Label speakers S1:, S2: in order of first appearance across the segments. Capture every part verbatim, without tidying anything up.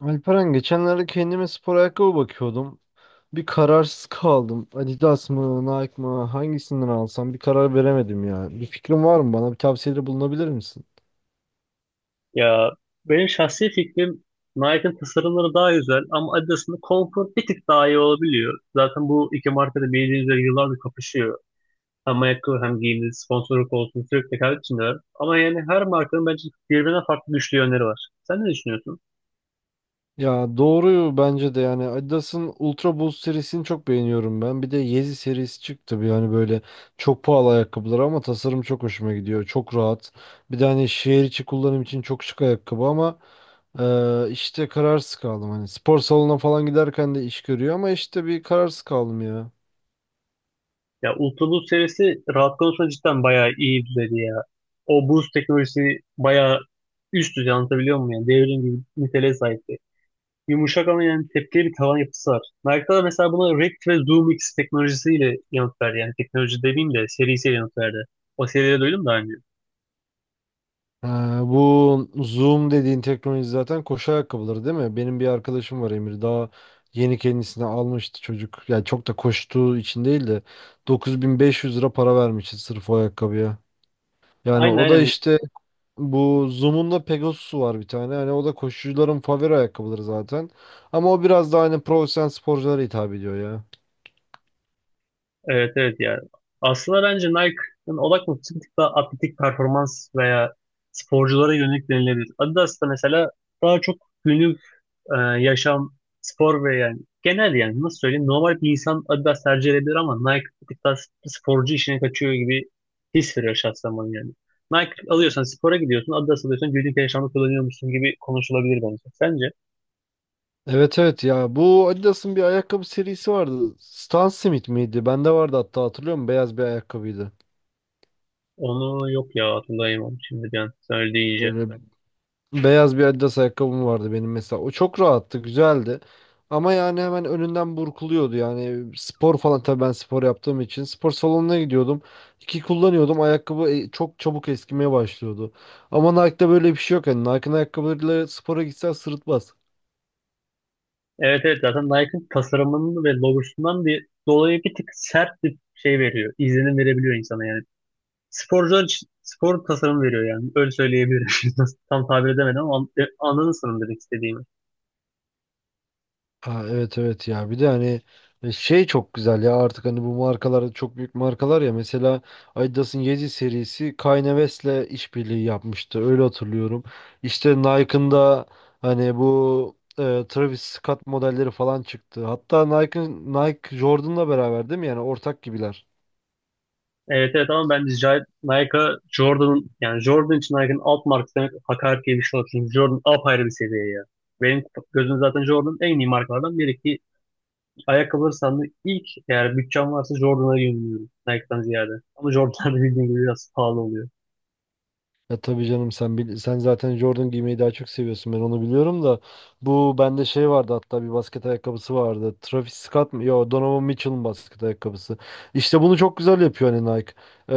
S1: Alperen geçenlerde kendime spor ayakkabı bakıyordum. Bir kararsız kaldım. Adidas mı, Nike mı, hangisinden alsam bir karar veremedim ya. Bir fikrin var mı bana? Bir tavsiyede bulunabilir misin?
S2: Ya benim şahsi fikrim Nike'ın tasarımları daha güzel ama Adidas'ın konfor bir tık daha iyi olabiliyor. Zaten bu iki marka da bildiğiniz üzere yıllardır kapışıyor. Hem ayakkabı hem giyimde sponsorluk olsun sürekli rekabet içindeler. Ama yani her markanın bence birbirinden farklı güçlü yönleri var. Sen ne düşünüyorsun?
S1: Ya doğru bence de yani Adidas'ın Ultra Boost serisini çok beğeniyorum ben. Bir de Yeezy serisi çıktı bir yani böyle çok pahalı ayakkabılar ama tasarım çok hoşuma gidiyor. Çok rahat. Bir de hani şehir içi kullanım için çok şık ayakkabı ama ee, işte kararsız kaldım hani spor salonuna falan giderken de iş görüyor ama işte bir kararsız kaldım ya.
S2: Ya Ultra Boost serisi rahat konusunda cidden bayağı iyi düzeyde ya. O boost teknolojisi bayağı üst düzey anlatabiliyor muyum? Yani devrim gibi niteliğe sahip. Yumuşak ama yani tepkili bir tavan yapısı var. Nike'da da mesela buna React ve ZoomX teknolojisiyle yanıt verdi. Yani teknoloji demeyeyim de serisiyle yanıt verdi. O seriyi de duydum daha önce.
S1: Ha, bu Zoom dediğin teknoloji zaten koşu ayakkabıları değil mi? Benim bir arkadaşım var Emir. Daha yeni kendisine almıştı çocuk. Yani çok da koştuğu için değil de dokuz bin beş yüz lira para vermişti sırf o ayakkabıya. Yani
S2: Aynen
S1: o da
S2: aynen.
S1: işte bu Zoom'un da Pegasus'u var bir tane. Hani o da koşucuların favori ayakkabıları zaten. Ama o biraz daha hani profesyonel sporculara hitap ediyor ya.
S2: Evet evet ya. Aslında bence Nike'ın odak noktası bir tık daha atletik performans veya sporculara yönelik denilebilir. Adidas da mesela daha çok günlük e, yaşam, spor ve yani genel yani nasıl söyleyeyim normal bir insan Adidas tercih edebilir ama Nike bir tarz sporcu işine kaçıyor gibi his veriyor şahsen bana yani. Nike alıyorsan spora gidiyorsun, Adidas alıyorsan günlük yaşamda kullanıyor musun gibi konuşulabilir bence. Sence?
S1: Evet evet ya bu Adidas'ın bir ayakkabı serisi vardı. Stan Smith miydi? Bende vardı hatta hatırlıyorum beyaz bir ayakkabıydı.
S2: Onu yok ya hatırlayamam şimdi bir an söyledi iyice.
S1: Böyle beyaz bir Adidas ayakkabım vardı benim mesela. O çok rahattı, güzeldi. Ama yani hemen önünden burkuluyordu. Yani spor falan tabii ben spor yaptığım için spor salonuna gidiyordum. İki kullanıyordum. Ayakkabı e, çok çabuk eskimeye başlıyordu. Ama Nike'da böyle bir şey yok. Yani Nike'ın ayakkabılarıyla spora gitsen sırıtmaz.
S2: Evet evet zaten Nike'ın tasarımının ve logosundan bir dolayı bir tık sert bir şey veriyor. İzlenim verebiliyor insana yani. Sporcular için spor tasarım veriyor yani. Öyle söyleyebilirim. Nasıl- Tam tabir edemedim ama an- e, anladın sanırım demek istediğimi.
S1: Ha, evet evet ya bir de hani e, şey çok güzel ya artık hani bu markalar çok büyük markalar ya mesela Adidas'ın Yeezy serisi Kanye West'le işbirliği yapmıştı öyle hatırlıyorum. İşte Nike'ın da hani bu e, Travis Scott modelleri falan çıktı. Hatta Nike Nike Jordan'la beraber değil mi yani ortak gibiler.
S2: Evet evet ama bence J- Nike Jordan'ın yani Jordan için Nike'ın alt markası demek hakaret gibi bir şey olur. Çünkü Jordan apayrı bir seviye ya. Benim gözümde zaten Jordan en iyi markalardan biri ki ayakkabıları sandığı ilk eğer bütçem varsa Jordan'a yöneliyorum Nike'dan ziyade. Ama Jordan'da bildiğin gibi biraz pahalı oluyor.
S1: Ya tabii canım sen bil- sen zaten Jordan giymeyi daha çok seviyorsun ben onu biliyorum da bu bende şey vardı hatta bir basket ayakkabısı vardı. Travis Scott mı? Yo, Donovan Mitchell'ın basket ayakkabısı. İşte bunu çok güzel yapıyor hani Nike. Ee,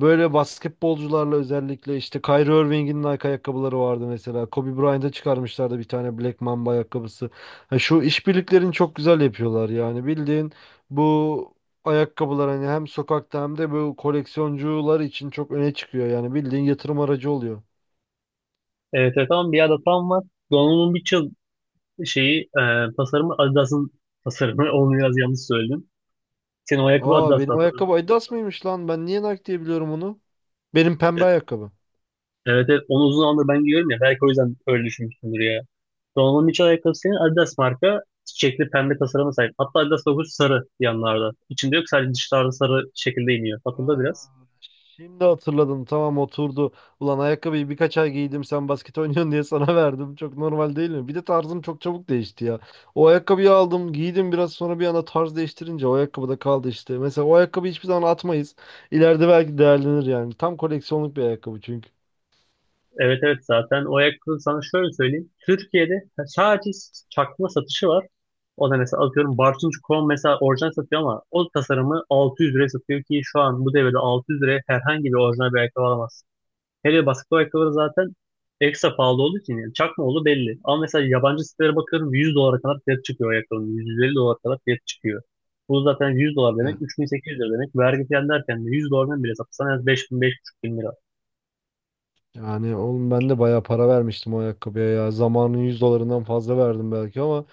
S1: Böyle basketbolcularla özellikle işte Kyrie Irving'in Nike ayakkabıları vardı mesela. Kobe Bryant'a çıkarmışlardı bir tane Black Mamba ayakkabısı. Ha, şu işbirliklerini çok güzel yapıyorlar yani bildiğin bu ayakkabılar hani hem sokakta hem de bu koleksiyoncular için çok öne çıkıyor. Yani bildiğin yatırım aracı oluyor.
S2: Evet evet ama bir adet tam var. Donald'un bir yıl şeyi e, tasarımı Adidas'ın tasarımı onu biraz yanlış söyledim. Senin o ayakkabı
S1: Aa,
S2: Adidas
S1: benim
S2: zaten.
S1: ayakkabı Adidas mıymış lan? Ben niye Nike diye biliyorum onu? Benim pembe
S2: Evet.
S1: ayakkabı.
S2: Evet evet onu uzun zamandır ben giyiyorum ya. Belki o yüzden öyle düşünmüşsündür ya. Donovan'ın iç ayakkabısı senin Adidas marka. Çiçekli pembe tasarıma sahip. Hatta Adidas logosu sarı yanlarda. İçinde yok sadece dışlarda sarı şekilde iniyor.
S1: Aa,
S2: Hatırla biraz.
S1: şimdi hatırladım. Tamam, oturdu. Ulan ayakkabıyı birkaç ay giydim. Sen basket oynuyorsun diye sana verdim. Çok normal değil mi? Bir de tarzım çok çabuk değişti ya. O ayakkabıyı aldım, giydim biraz sonra bir anda tarz değiştirince o ayakkabı da kaldı işte. Mesela o ayakkabıyı hiçbir zaman atmayız. İleride belki değerlenir yani. Tam koleksiyonluk bir ayakkabı çünkü.
S2: Evet evet zaten o ayakkabı sana şöyle söyleyeyim. Türkiye'de sadece çakma satışı var. O da mesela atıyorum Bartınç Krom mesela orijinal satıyor ama o tasarımı altı yüz liraya satıyor ki şu an bu devirde altı yüz liraya herhangi bir orijinal bir ayakkabı alamazsın. Hele basketbol ayakkabıları zaten ekstra pahalı olduğu için yani çakma oğlu belli. Ama mesela yabancı sitelere bakıyorum yüz dolara kadar fiyat çıkıyor ayakkabının. yüz elli dolara kadar fiyat çıkıyor. Bu zaten yüz dolar
S1: He.
S2: demek üç bin sekiz yüz lira demek. Vergi falan derken de yüz dolardan bile satsan en az beş bin beş bin beş yüz lira.
S1: Yani oğlum ben de bayağı para vermiştim o ayakkabıya ya. Zamanın yüz dolarından fazla verdim belki ama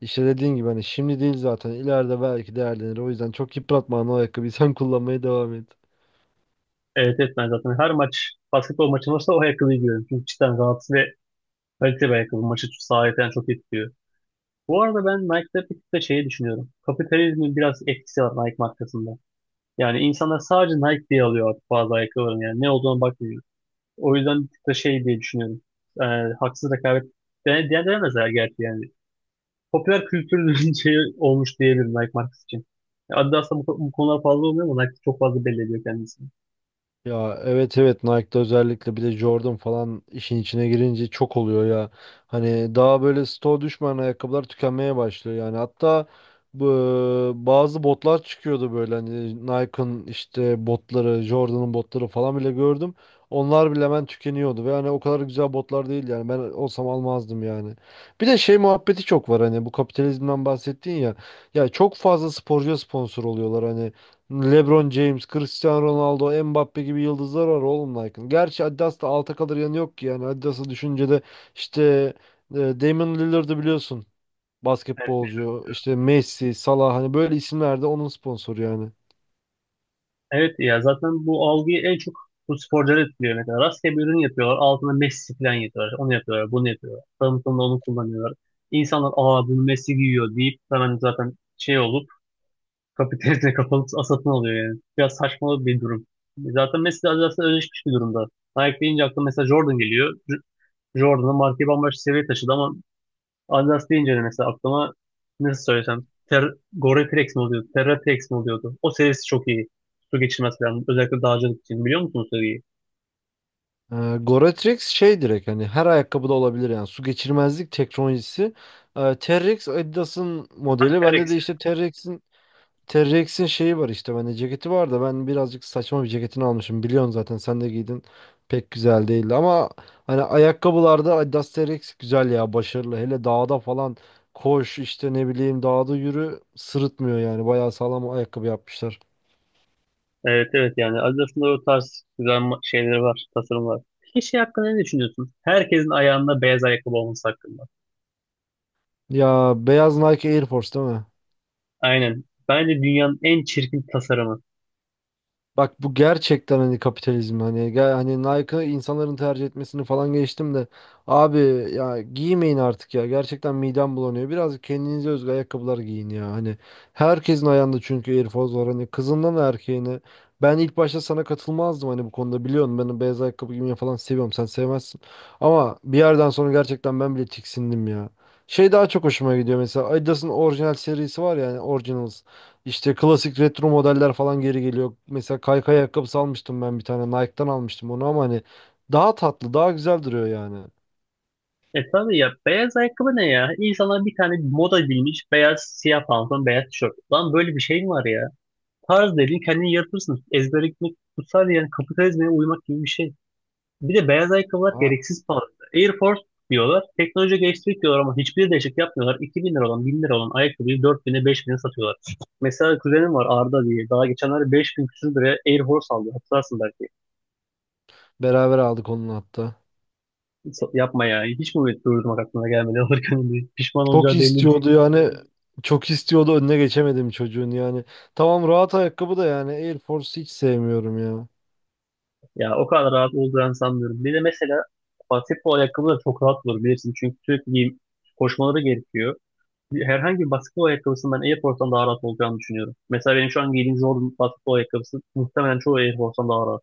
S1: işte dediğin gibi hani şimdi değil zaten ileride belki değerlenir. O yüzden çok yıpratma hani o ayakkabıyı sen kullanmaya devam et.
S2: Evet evet ben zaten her maç basketbol maçı olursa o ayakkabıyı giyiyorum. Çünkü cidden rahatsız ve kaliteli bir ayakkabı maçı sahiden çok etkiliyor. Bu arada ben Nike'da bir tık da şeyi düşünüyorum. Kapitalizmin biraz etkisi var Nike markasında. Yani insanlar sadece Nike diye alıyor artık bazı ayakkabıların yani ne olduğuna bakmıyor. O yüzden bir tık da şey diye düşünüyorum. Ee, Haksız rekabet de, de denemezler gerçi yani. Popüler kültürün şeyi olmuş diyebilirim Nike markası için. Adidas'ta bu, bu konular fazla olmuyor ama Nike çok fazla belli ediyor kendisini.
S1: Ya evet evet Nike'da özellikle bir de Jordan falan işin içine girince çok oluyor ya. Hani daha böyle stoğ düşmeyen ayakkabılar tükenmeye başlıyor yani. Hatta bu bazı botlar çıkıyordu böyle hani Nike'ın işte botları, Jordan'ın botları falan bile gördüm. Onlar bile hemen tükeniyordu ve hani o kadar güzel botlar değil yani ben olsam almazdım yani. Bir de şey muhabbeti çok var hani bu kapitalizmden bahsettin ya. Ya çok fazla sporcuya sponsor oluyorlar hani. LeBron James, Cristiano Ronaldo, Mbappe gibi yıldızlar var oğlum Nike'ın. Gerçi Adidas'ta alta kalır yanı yok ki yani. Adidas'ı düşünce de işte e, Damian Lillard'ı biliyorsun.
S2: Evet,
S1: Basketbolcu, işte Messi, Salah hani böyle isimler de onun sponsoru yani.
S2: evet ya zaten bu algıyı en çok bu sporcular etkiliyor ne kadar. Rastgele bir ürün yapıyorlar. Altına Messi falan yapıyorlar. Onu yapıyorlar, bunu yapıyorlar. Tanıtımda onu kullanıyorlar. İnsanlar aa bunu Messi giyiyor deyip hemen zaten şey olur. Kapitalizme kapalı satın alıyor yani. Biraz saçma bir durum. Zaten Messi de zaten özleşmiş bir durumda. Nike deyince aklıma mesela Jordan geliyor. J- Jordan'ın markayı bambaşka seviyeye taşıdı ama Adidas deyince de mesela aklıma nasıl söylesem Ter Gore-Tex mi oluyordu? Terra-Tex mi oluyordu? O serisi çok iyi. Su geçirmez falan. Özellikle dağcılık için. Biliyor musunuz o seriyi?
S1: E, Goretrix şey direkt hani her ayakkabıda olabilir yani. Su geçirmezlik teknolojisi. E, Terrex Adidas'ın modeli. Bende
S2: Terex.
S1: de işte Terrex'in T-Rex'in şeyi var işte bende ceketi var da ben birazcık saçma bir ceketini almışım. Biliyorsun zaten sen de giydin. Pek güzel değildi ama hani ayakkabılarda Adidas T-Rex güzel ya başarılı. Hele dağda falan koş işte ne bileyim dağda yürü sırıtmıyor yani. Bayağı sağlam ayakkabı yapmışlar.
S2: Evet evet yani Adidas'ın da o tarz güzel ma- şeyleri var, tasarımlar. Peki şey hakkında ne düşünüyorsun? Herkesin ayağında beyaz ayakkabı olması hakkında.
S1: Ya beyaz Nike Air Force değil mi?
S2: Aynen. Bence dünyanın en çirkin tasarımı.
S1: Bak bu gerçekten hani kapitalizm hani ge- hani Nike'ı insanların tercih etmesini falan geçtim de abi ya giymeyin artık ya, gerçekten midem bulanıyor. Biraz kendinize özgü ayakkabılar giyin ya hani herkesin ayağında çünkü Air Force var hani kızından erkeğine. Ben ilk başta sana katılmazdım hani bu konuda, biliyorsun ben beyaz ayakkabı giymeyi falan seviyorum sen sevmezsin. Ama bir yerden sonra gerçekten ben bile tiksindim ya. Şey daha çok hoşuma gidiyor mesela, Adidas'ın orijinal serisi var ya yani Originals. İşte klasik retro modeller falan geri geliyor. Mesela kaykay ayakkabısı almıştım ben bir tane. Nike'dan almıştım onu ama hani daha tatlı, daha güzel duruyor yani.
S2: E tabii ya beyaz ayakkabı ne ya? İnsanlar bir tane moda bilmiş beyaz siyah pantolon beyaz tişört. Lan böyle bir şey mi var ya? Tarz dediğin kendini yaratırsın. Ezbere gitmek kutsal yani kapitalizme uymak gibi bir şey. Bir de beyaz ayakkabılar
S1: Ha,
S2: gereksiz pahalı. Air Force diyorlar. Teknoloji geliştirdik diyorlar ama hiçbir değişik yapmıyorlar. iki bin lira olan bin lira olan ayakkabıyı 4000'e bin'e satıyorlar. Mesela kuzenim var Arda diye. Daha geçenlerde beş bin küsür liraya Air Force aldı. Hatırlarsın belki.
S1: beraber aldık onun hatta.
S2: So- Yapma ya. Hiç mi turizm aklına gelmedi alırken bir pişman
S1: Çok
S2: olacağı belli bir şey.
S1: istiyordu yani. Çok istiyordu, önüne geçemedim çocuğun yani. Tamam, rahat ayakkabı da yani Air Force hiç sevmiyorum ya.
S2: Ya o kadar rahat olacağını sanmıyorum. Bir de mesela basketbol ayakkabı da çok rahat olur bilirsin. Çünkü sürekli giyim, koşmaları gerekiyor. Bir- Herhangi bir basketbol ayakkabısının ben Air Force'dan daha rahat olacağını düşünüyorum. Mesela benim şu an giydiğim Jordan basketbol ayakkabısı muhtemelen çoğu Air Force'dan daha rahat.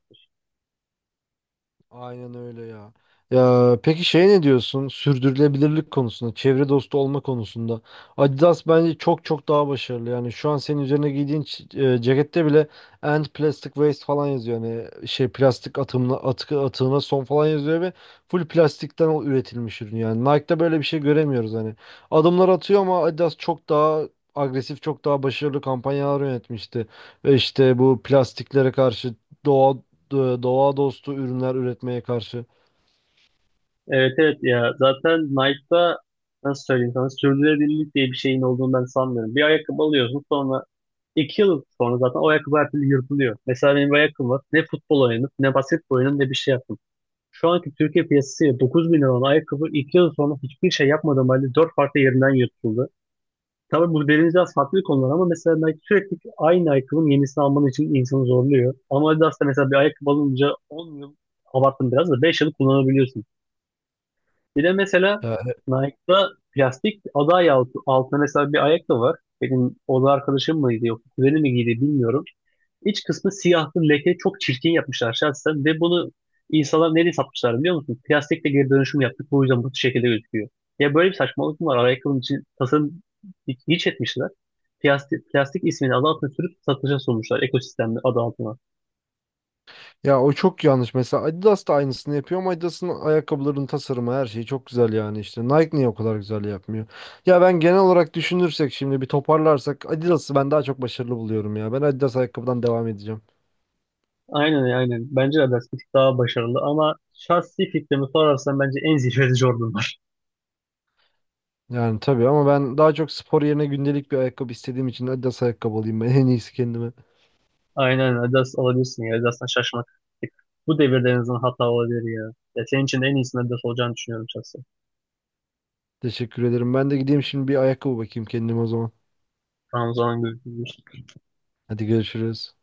S1: Aynen öyle ya. Ya peki şey ne diyorsun? Sürdürülebilirlik konusunda, çevre dostu olma konusunda. Adidas bence çok çok daha başarılı. Yani şu an senin üzerine giydiğin ç- e, cekette bile End Plastic Waste falan yazıyor. Yani şey plastik atımına, atkı atığına son falan yazıyor ve full plastikten o- üretilmiş ürün. Yani Nike'da böyle bir şey göremiyoruz hani. Adımlar atıyor ama Adidas çok daha agresif, çok daha başarılı kampanyalar yönetmişti. Ve işte bu plastiklere karşı doğa do- doğa dostu ürünler üretmeye karşı.
S2: Evet evet ya zaten Nike'da nasıl söyleyeyim sana sürdürülebilirlik diye bir şeyin olduğunu ben sanmıyorum. Bir ayakkabı alıyorsun sonra iki yıl sonra zaten o ayakkabı her türlü yırtılıyor. Mesela benim bir ayakkabım var ne futbol oynadım ne basketbol oynadım ne bir şey yaptım. Şu anki Türkiye piyasasıyla dokuz bin lira olan ayakkabı iki yıl sonra hiçbir şey yapmadığım halde dört farklı yerinden yırtıldı. Tabii bu benim biraz farklı konular ama mesela Nike sürekli aynı ayakkabının yenisini alman için insanı zorluyor. Ama Adidas da mesela bir ayakkabı alınca on yıl abarttım biraz da beş yıl kullanabiliyorsun. Bir de mesela
S1: Ya,
S2: Nike'da plastik ada ayağı altına mesela bir ayak da var. Benim oda arkadaşım mıydı yok kuzeni mi giydi bilmiyorum. İç kısmı siyahtı leke çok çirkin yapmışlar şahsen ve bunu insanlar nereye satmışlar biliyor musun? Plastikle geri dönüşüm yaptık bu yüzden bu şekilde gözüküyor. Ya böyle bir saçmalık mı var? Ayakkabının için tasarım hiç hiç etmişler. Plastik, plastik ismini adı altına sürüp satışa sunmuşlar ekosistemde adı altına.
S1: ya o çok yanlış. Mesela Adidas da aynısını yapıyor ama Adidas'ın ayakkabılarının tasarımı her şeyi çok güzel yani işte. Nike niye o kadar güzel yapmıyor? Ya ben genel olarak düşünürsek şimdi bir toparlarsak Adidas'ı ben daha çok başarılı buluyorum ya. Ben Adidas ayakkabıdan devam edeceğim.
S2: Aynen aynen. Bence de Adidas bir tık daha başarılı ama şahsi fikrimi sorarsan bence en zirvede Jordan var.
S1: Yani tabii ama ben daha çok spor yerine gündelik bir ayakkabı istediğim için Adidas ayakkabı alayım ben en iyisi kendime.
S2: Aynen Adidas olabilirsin ya. Adidas'tan şaşmak. Bu devirde en azından hata olabilir ya. Ya senin için de en iyisinin Adidas olacağını düşünüyorum şahsen.
S1: Teşekkür ederim. Ben de gideyim şimdi bir ayakkabı bakayım kendime o zaman.
S2: Ramazan'ın gözü.
S1: Hadi görüşürüz.